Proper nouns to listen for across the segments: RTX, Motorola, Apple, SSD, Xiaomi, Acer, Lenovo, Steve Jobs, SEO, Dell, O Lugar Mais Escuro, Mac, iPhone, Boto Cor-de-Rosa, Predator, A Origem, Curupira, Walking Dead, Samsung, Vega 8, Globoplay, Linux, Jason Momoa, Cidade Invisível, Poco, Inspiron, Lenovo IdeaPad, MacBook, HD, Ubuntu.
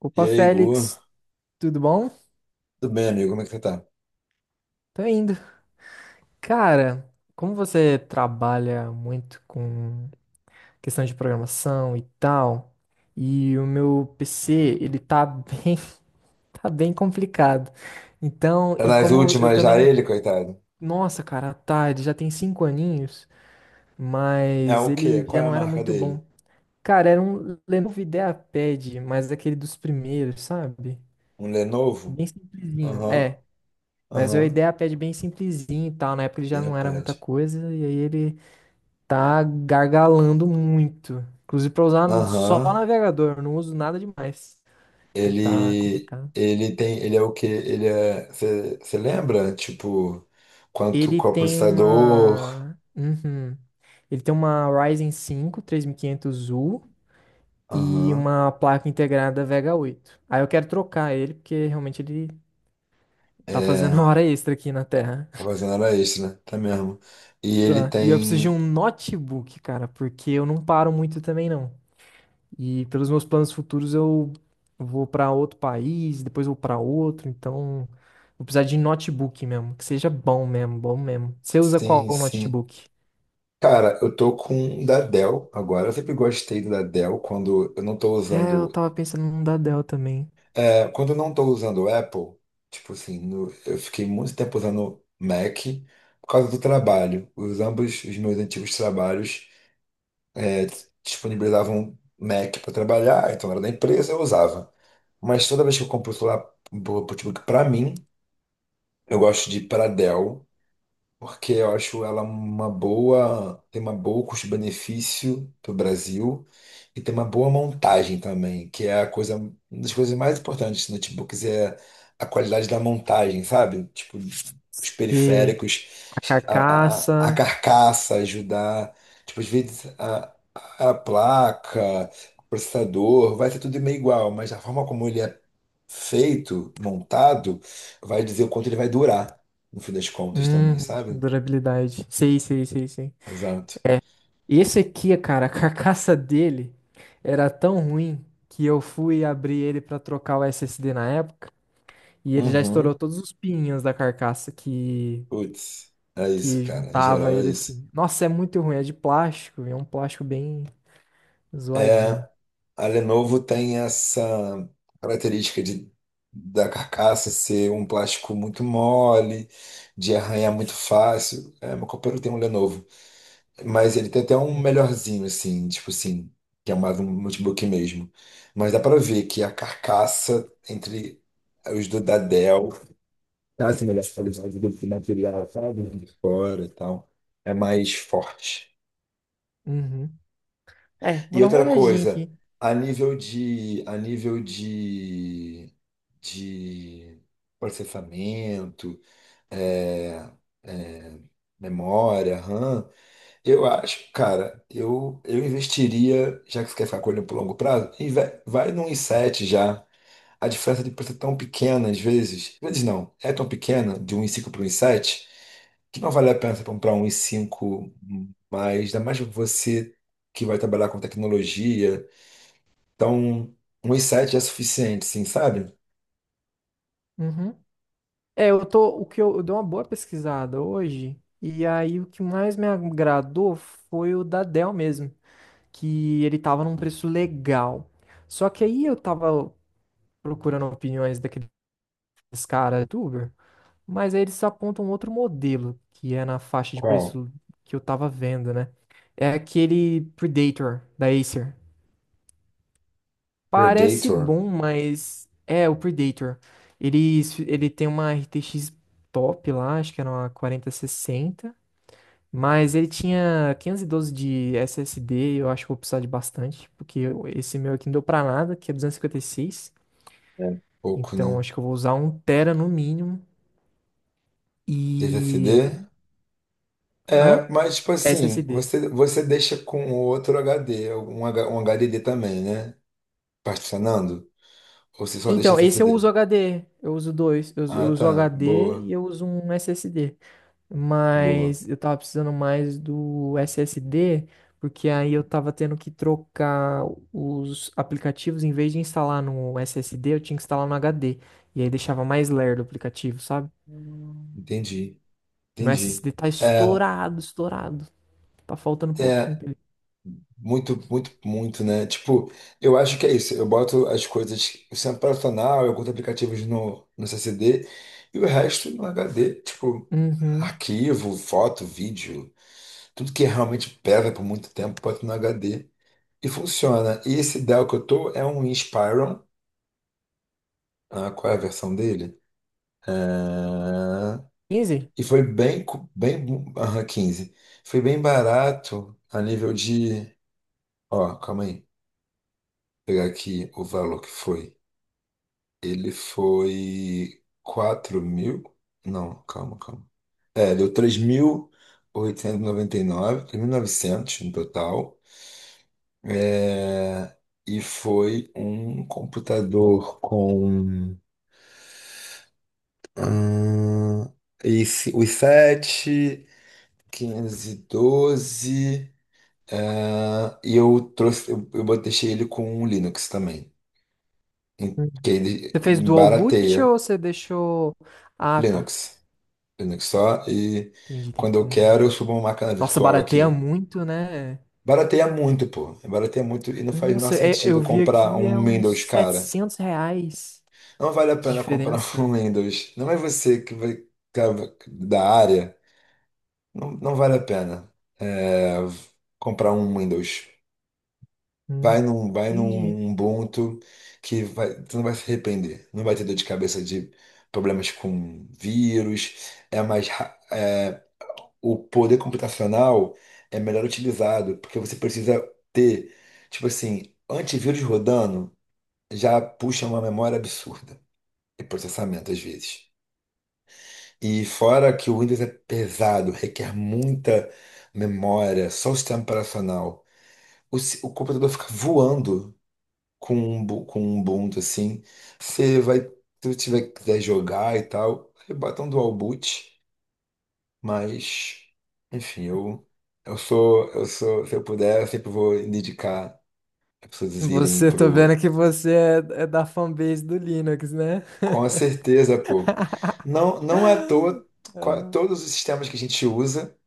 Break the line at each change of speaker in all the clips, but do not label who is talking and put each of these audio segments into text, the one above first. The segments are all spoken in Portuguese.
Opa,
E aí, Gu?
Félix, tudo bom?
Tudo bem, amigo? Como é que você tá?
Tô indo. Cara, como você trabalha muito com questão de programação e tal, e o meu PC, ele tá bem, tá bem complicado. Então,
Tá
e
nas
como eu
últimas
também
já
não.
ele, coitado?
Nossa, cara, tá, ele já tem 5 aninhos,
É
mas
o quê?
ele
Qual
já
é a
não era
marca
muito
dele?
bom. Cara, era um Lenovo IdeaPad, mas aquele dos primeiros, sabe?
Um Lenovo?
Bem simplesinho.
Aham,
É. Mas a
aham.
ideia pede bem simplesinho e tal. Na época ele já
De
não era muita
repente.
coisa, e aí ele tá gargalando muito. Inclusive pra usar só
Aham.
navegador, eu não uso nada demais. Tá
Ele,
complicado.
ele tem, ele é o quê? Ele é, você lembra? Tipo, quanto,
Ele
qual
tem
processador?
uma. Uhum. Ele tem uma Ryzen 5 3500U e quinhentos U e
Aham.
uma placa integrada Vega 8. Aí eu quero trocar ele, porque realmente ele tá fazendo
É,
hora extra aqui na Terra.
a fazenda era extra, né? Tá mesmo. E ele
Tá. E eu preciso de um
tem,
notebook, cara, porque eu não paro muito também, não. E pelos meus planos futuros eu vou para outro país, depois vou para outro, então vou precisar de notebook mesmo, que seja bom mesmo, bom mesmo. Você usa qual
sim, sim.
notebook?
Cara, eu tô com um da Dell agora. Eu sempre gostei da Dell quando eu não tô
É, eu
usando.
tava pensando num da Dell também.
Quando eu não tô usando o Apple, tipo assim, eu fiquei muito tempo usando Mac por causa do trabalho. Os ambos os meus antigos trabalhos é, disponibilizavam Mac para trabalhar, então era da empresa, eu usava. Mas toda vez que eu compro o celular, um notebook pra mim, eu gosto de ir pra Dell, porque eu acho ela uma boa, tem uma boa custo-benefício para o Brasil e tem uma boa montagem também, que é a coisa, uma das coisas mais importantes dos notebooks é a qualidade da montagem, sabe? Tipo, os
E
periféricos,
a
a
carcaça,
carcaça ajudar, tipo, às vezes a placa, o processador, vai ser tudo meio igual, mas a forma como ele é feito, montado, vai dizer o quanto ele vai durar, no fim das contas também, sabe?
durabilidade. Sei, sei, sei, sei.
Exato.
Esse aqui, cara, a carcaça dele era tão ruim que eu fui abrir ele pra trocar o SSD na época e ele já estourou
Uhum.
todos os pininhos da carcaça que
Putz, é
que
isso, cara. Em
juntava
geral é
ele
isso.
assim. Nossa, é muito ruim, é de plástico, é um plástico bem zoadinho.
A Lenovo tem essa característica de, da carcaça ser um plástico muito mole, de arranhar muito fácil. É, meu companheiro tem um Lenovo. Mas ele tem até um melhorzinho, assim, tipo assim, que é mais um notebook mesmo. Mas dá pra ver que a carcaça entre os do da Dell tá assim, melhor qualidade do que material, sabe? De fora e tal. É mais forte.
Uhum. É, vou
E
dar uma
outra
olhadinha
coisa,
aqui.
a nível de processamento, é, é, memória, RAM, eu acho, cara, eu investiria, já que você quer ficar com ele por longo prazo, e vai, vai num i7 já. A diferença de preço é tão pequena, às vezes não, é tão pequena, de um i5 para um i7, que não vale a pena você comprar um i5 mais, ainda mais você que vai trabalhar com tecnologia, então, uns sete é suficiente, sim, sabe?
Uhum. É, o que eu dei uma boa pesquisada hoje, e aí o que mais me agradou foi o da Dell mesmo, que ele tava num preço legal. Só que aí eu tava procurando opiniões daqueles caras youtuber, mas aí eles apontam outro modelo, que é na faixa de
Qual?
preço que eu tava vendo, né? É aquele Predator da Acer. Parece
Predator.
bom, mas é o Predator. Ele, ele tem uma RTX top lá, acho que era uma 4060, mas ele tinha 512 de SSD, eu acho que eu vou precisar de bastante, porque esse meu aqui não deu pra nada, que é duzentos e cinquenta e seis.
É. Pouco,
Então
né?
acho que eu vou usar um tera no mínimo.
DVCD.
E.
É,
Hã?
mas, tipo assim,
SSD.
você deixa com outro HD, um, um HDD também, né? Particionando? Ou você só deixa
Então, esse eu
SSD?
uso HD. Eu uso dois. Eu, uso eu
Ah,
uso
tá.
HD
Boa,
e eu uso um SSD.
boa.
Mas eu tava precisando mais do SSD, porque aí eu tava tendo que trocar os aplicativos. Em vez de instalar no SSD, eu tinha que instalar no HD. E aí deixava mais lerdo o aplicativo, sabe?
Entendi,
Meu
entendi.
SSD tá
é
estourado, estourado. Tá faltando um pouquinho
é
pra ele.
Muito, muito, muito, né? Tipo, eu acho que é isso. Eu boto as coisas, o centro operacional, eu curto aplicativos no C C D e o resto no H D. Tipo,
Uhum.
arquivo, foto, vídeo, tudo que realmente pesa por muito tempo, boto no H D e funciona. E esse Dell que eu tô é um Inspiron, ah, qual é a versão dele? Ah,
15?
e foi bem, bem, aham, 15. Foi bem barato a nível de. Ó, calma aí. Vou pegar aqui o valor que foi. Ele foi 4.000. Não, calma, calma. É, deu três mil oitocentos e noventa e nove, 3.899, novecentos no total. É, e foi um computador com ah, os 7, 512. Ah, e eu trouxe, eu deixei ele com um Linux também,
Uhum.
que ele
Você fez dual boot
barateia
ou você deixou. Ah, tá.
Linux. Linux só. E
Entendi, entendi.
quando eu
Uhum.
quero, eu subo uma máquina
Nossa,
virtual
barateia
aqui.
muito, né?
Barateia muito, pô. Barateia muito e não faz o menor
Nossa, eu
sentido
vi
comprar
aqui é
um
uns
Windows, cara.
R$ 700
Não vale a
de
pena comprar
diferença.
um Windows. Não é você que vai, que é da área. Não, não vale a pena é, comprar um Windows.
Hum,
Vai
entendi.
num Ubuntu que vai, tu não vai se arrepender. Não vai ter dor de cabeça de problemas com vírus. É mais, é, o poder computacional é melhor utilizado, porque você precisa ter, tipo assim, antivírus rodando já puxa uma memória absurda e processamento às vezes. E fora que o Windows é pesado, requer muita memória, só o sistema operacional. O, o computador fica voando com um, com um Ubuntu assim. Você vai, se você tiver, quiser jogar e tal, você bota um dual boot. Mas, enfim, se eu puder, eu sempre vou indicar as pessoas irem
Tô vendo
pro.
que você é da fanbase do Linux, né?
Com certeza, pô. Não, não é à toa,
Ah,
todos os sistemas que a gente usa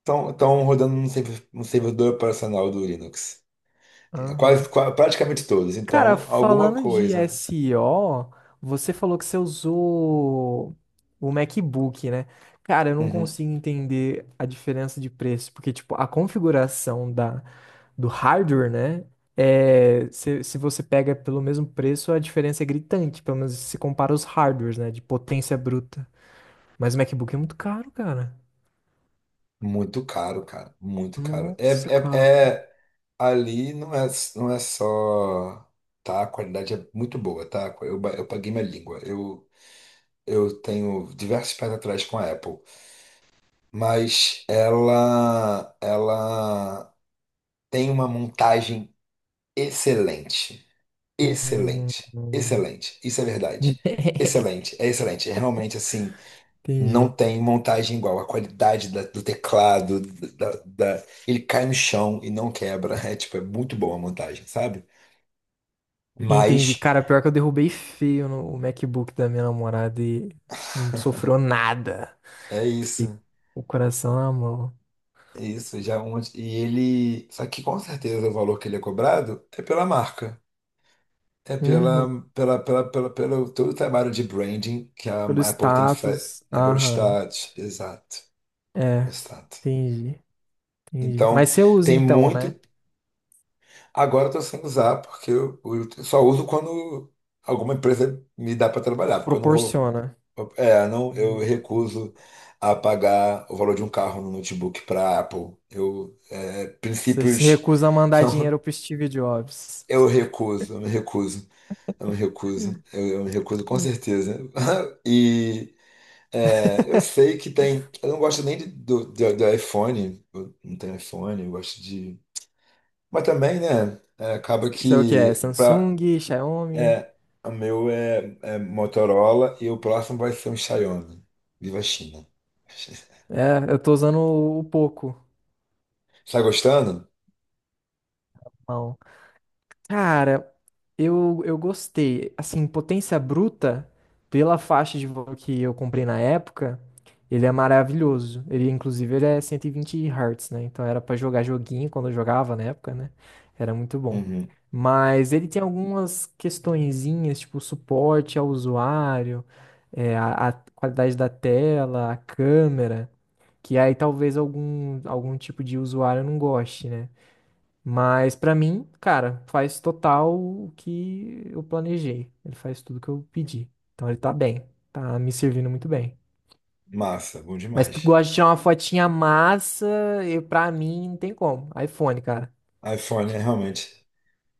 estão rodando no servidor operacional do Linux. É
aham.
praticamente todos.
Cara,
Então, alguma
falando de
coisa, né?
SEO, você falou que você usou o MacBook, né? Cara, eu não
Uhum.
consigo entender a diferença de preço, porque, tipo, a configuração do hardware, né? É, se você pega pelo mesmo preço, a diferença é gritante, pelo menos se compara os hardwares, né? De potência bruta. Mas o MacBook é muito caro, cara.
Muito caro, cara. Muito caro.
Nossa, cara.
Ali não é, não é só, tá? A qualidade é muito boa, tá? Eu paguei minha língua. Eu tenho diversos pés atrás com a Apple, mas ela tem uma montagem excelente,
Hum,
excelente, excelente. Isso é verdade. Excelente. É realmente assim, não
Entendi.
tem montagem igual. A qualidade do teclado, ele cai no chão e não quebra. É tipo, é muito boa a montagem, sabe?
Entendi.
Mas
Cara, pior que eu derrubei feio no MacBook da minha namorada e não sofreu nada.
é
Fiquei
isso,
o coração na mão.
é isso. Já é um, e ele. Só que com certeza o valor que ele é cobrado é pela marca. É pela,
Uhum.
pela, pela, pela, pelo todo o trabalho de branding que a
Pelo
Apple tem feito.
status.
É pelo
Aham.
status. Exato,
É.
exato.
Entendi. Entendi.
Então,
Mas você usa
tem
então,
muito.
né?
Agora eu tô sem usar, porque eu só uso quando alguma empresa me dá para trabalhar, porque eu não vou.
Proporciona.
É, não, eu
Hum.
recuso a pagar o valor de um carro no notebook para Apple.
Você se
Princípios
recusa a mandar
são,
dinheiro pro Steve Jobs.
eu me recuso, eu me recuso, eu me recuso com
Hum.
certeza. E é, eu sei que tem, eu não gosto nem do iPhone, eu não tenho iPhone, eu gosto de, mas também, né? é, acaba
Sei o que é.
que para
Samsung, Xiaomi.
é, o meu é, é Motorola e o próximo vai ser um Xiaomi. Viva a China.
É, eu tô usando o Poco.
Tá gostando?
Cara, eu gostei. Assim, Potência Bruta, pela faixa de voo que eu comprei na época, ele é maravilhoso. Ele, inclusive, ele é 120 Hz, né? Então era pra jogar joguinho quando eu jogava na época, né? Era muito bom.
Uhum.
Mas ele tem algumas questõezinhas, tipo suporte ao usuário, a qualidade da tela, a câmera, que aí talvez algum tipo de usuário não goste, né? Mas pra mim, cara, faz total o que eu planejei. Ele faz tudo que eu pedi. Então ele tá bem, tá me servindo muito bem.
Massa, bom
Mas tu
demais.
gosta de tirar uma fotinha massa, e pra mim não tem como. iPhone, cara.
iPhone é realmente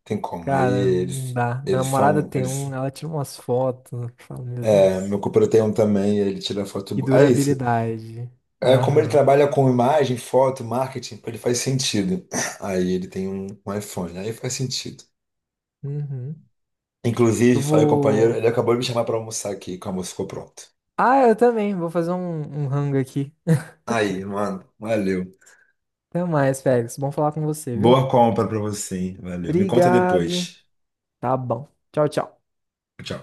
tem como. Aí
Cara, não
eles,
dá. Minha
eles
namorada
são.
tem um,
Eles,
ela tira umas fotos, eu falo, meu
é,
Deus.
meu companheiro tem um também, ele tira foto
E
boa. É isso.
durabilidade.
É como ele
Aham.
trabalha com imagem, foto, marketing, ele faz sentido. Aí ele tem um, um iPhone, aí faz sentido.
Uhum.
Inclusive,
Eu
falei com o companheiro,
vou.
ele acabou de me chamar pra almoçar aqui, que o almoço ficou pronto.
Ah, eu também. Vou fazer um rango aqui.
Aí, mano, valeu.
Até mais, Félix. Bom falar com você, viu?
Boa compra pra você, hein? Valeu. Me conta
Obrigado.
depois.
Tá bom. Tchau, tchau.
Tchau.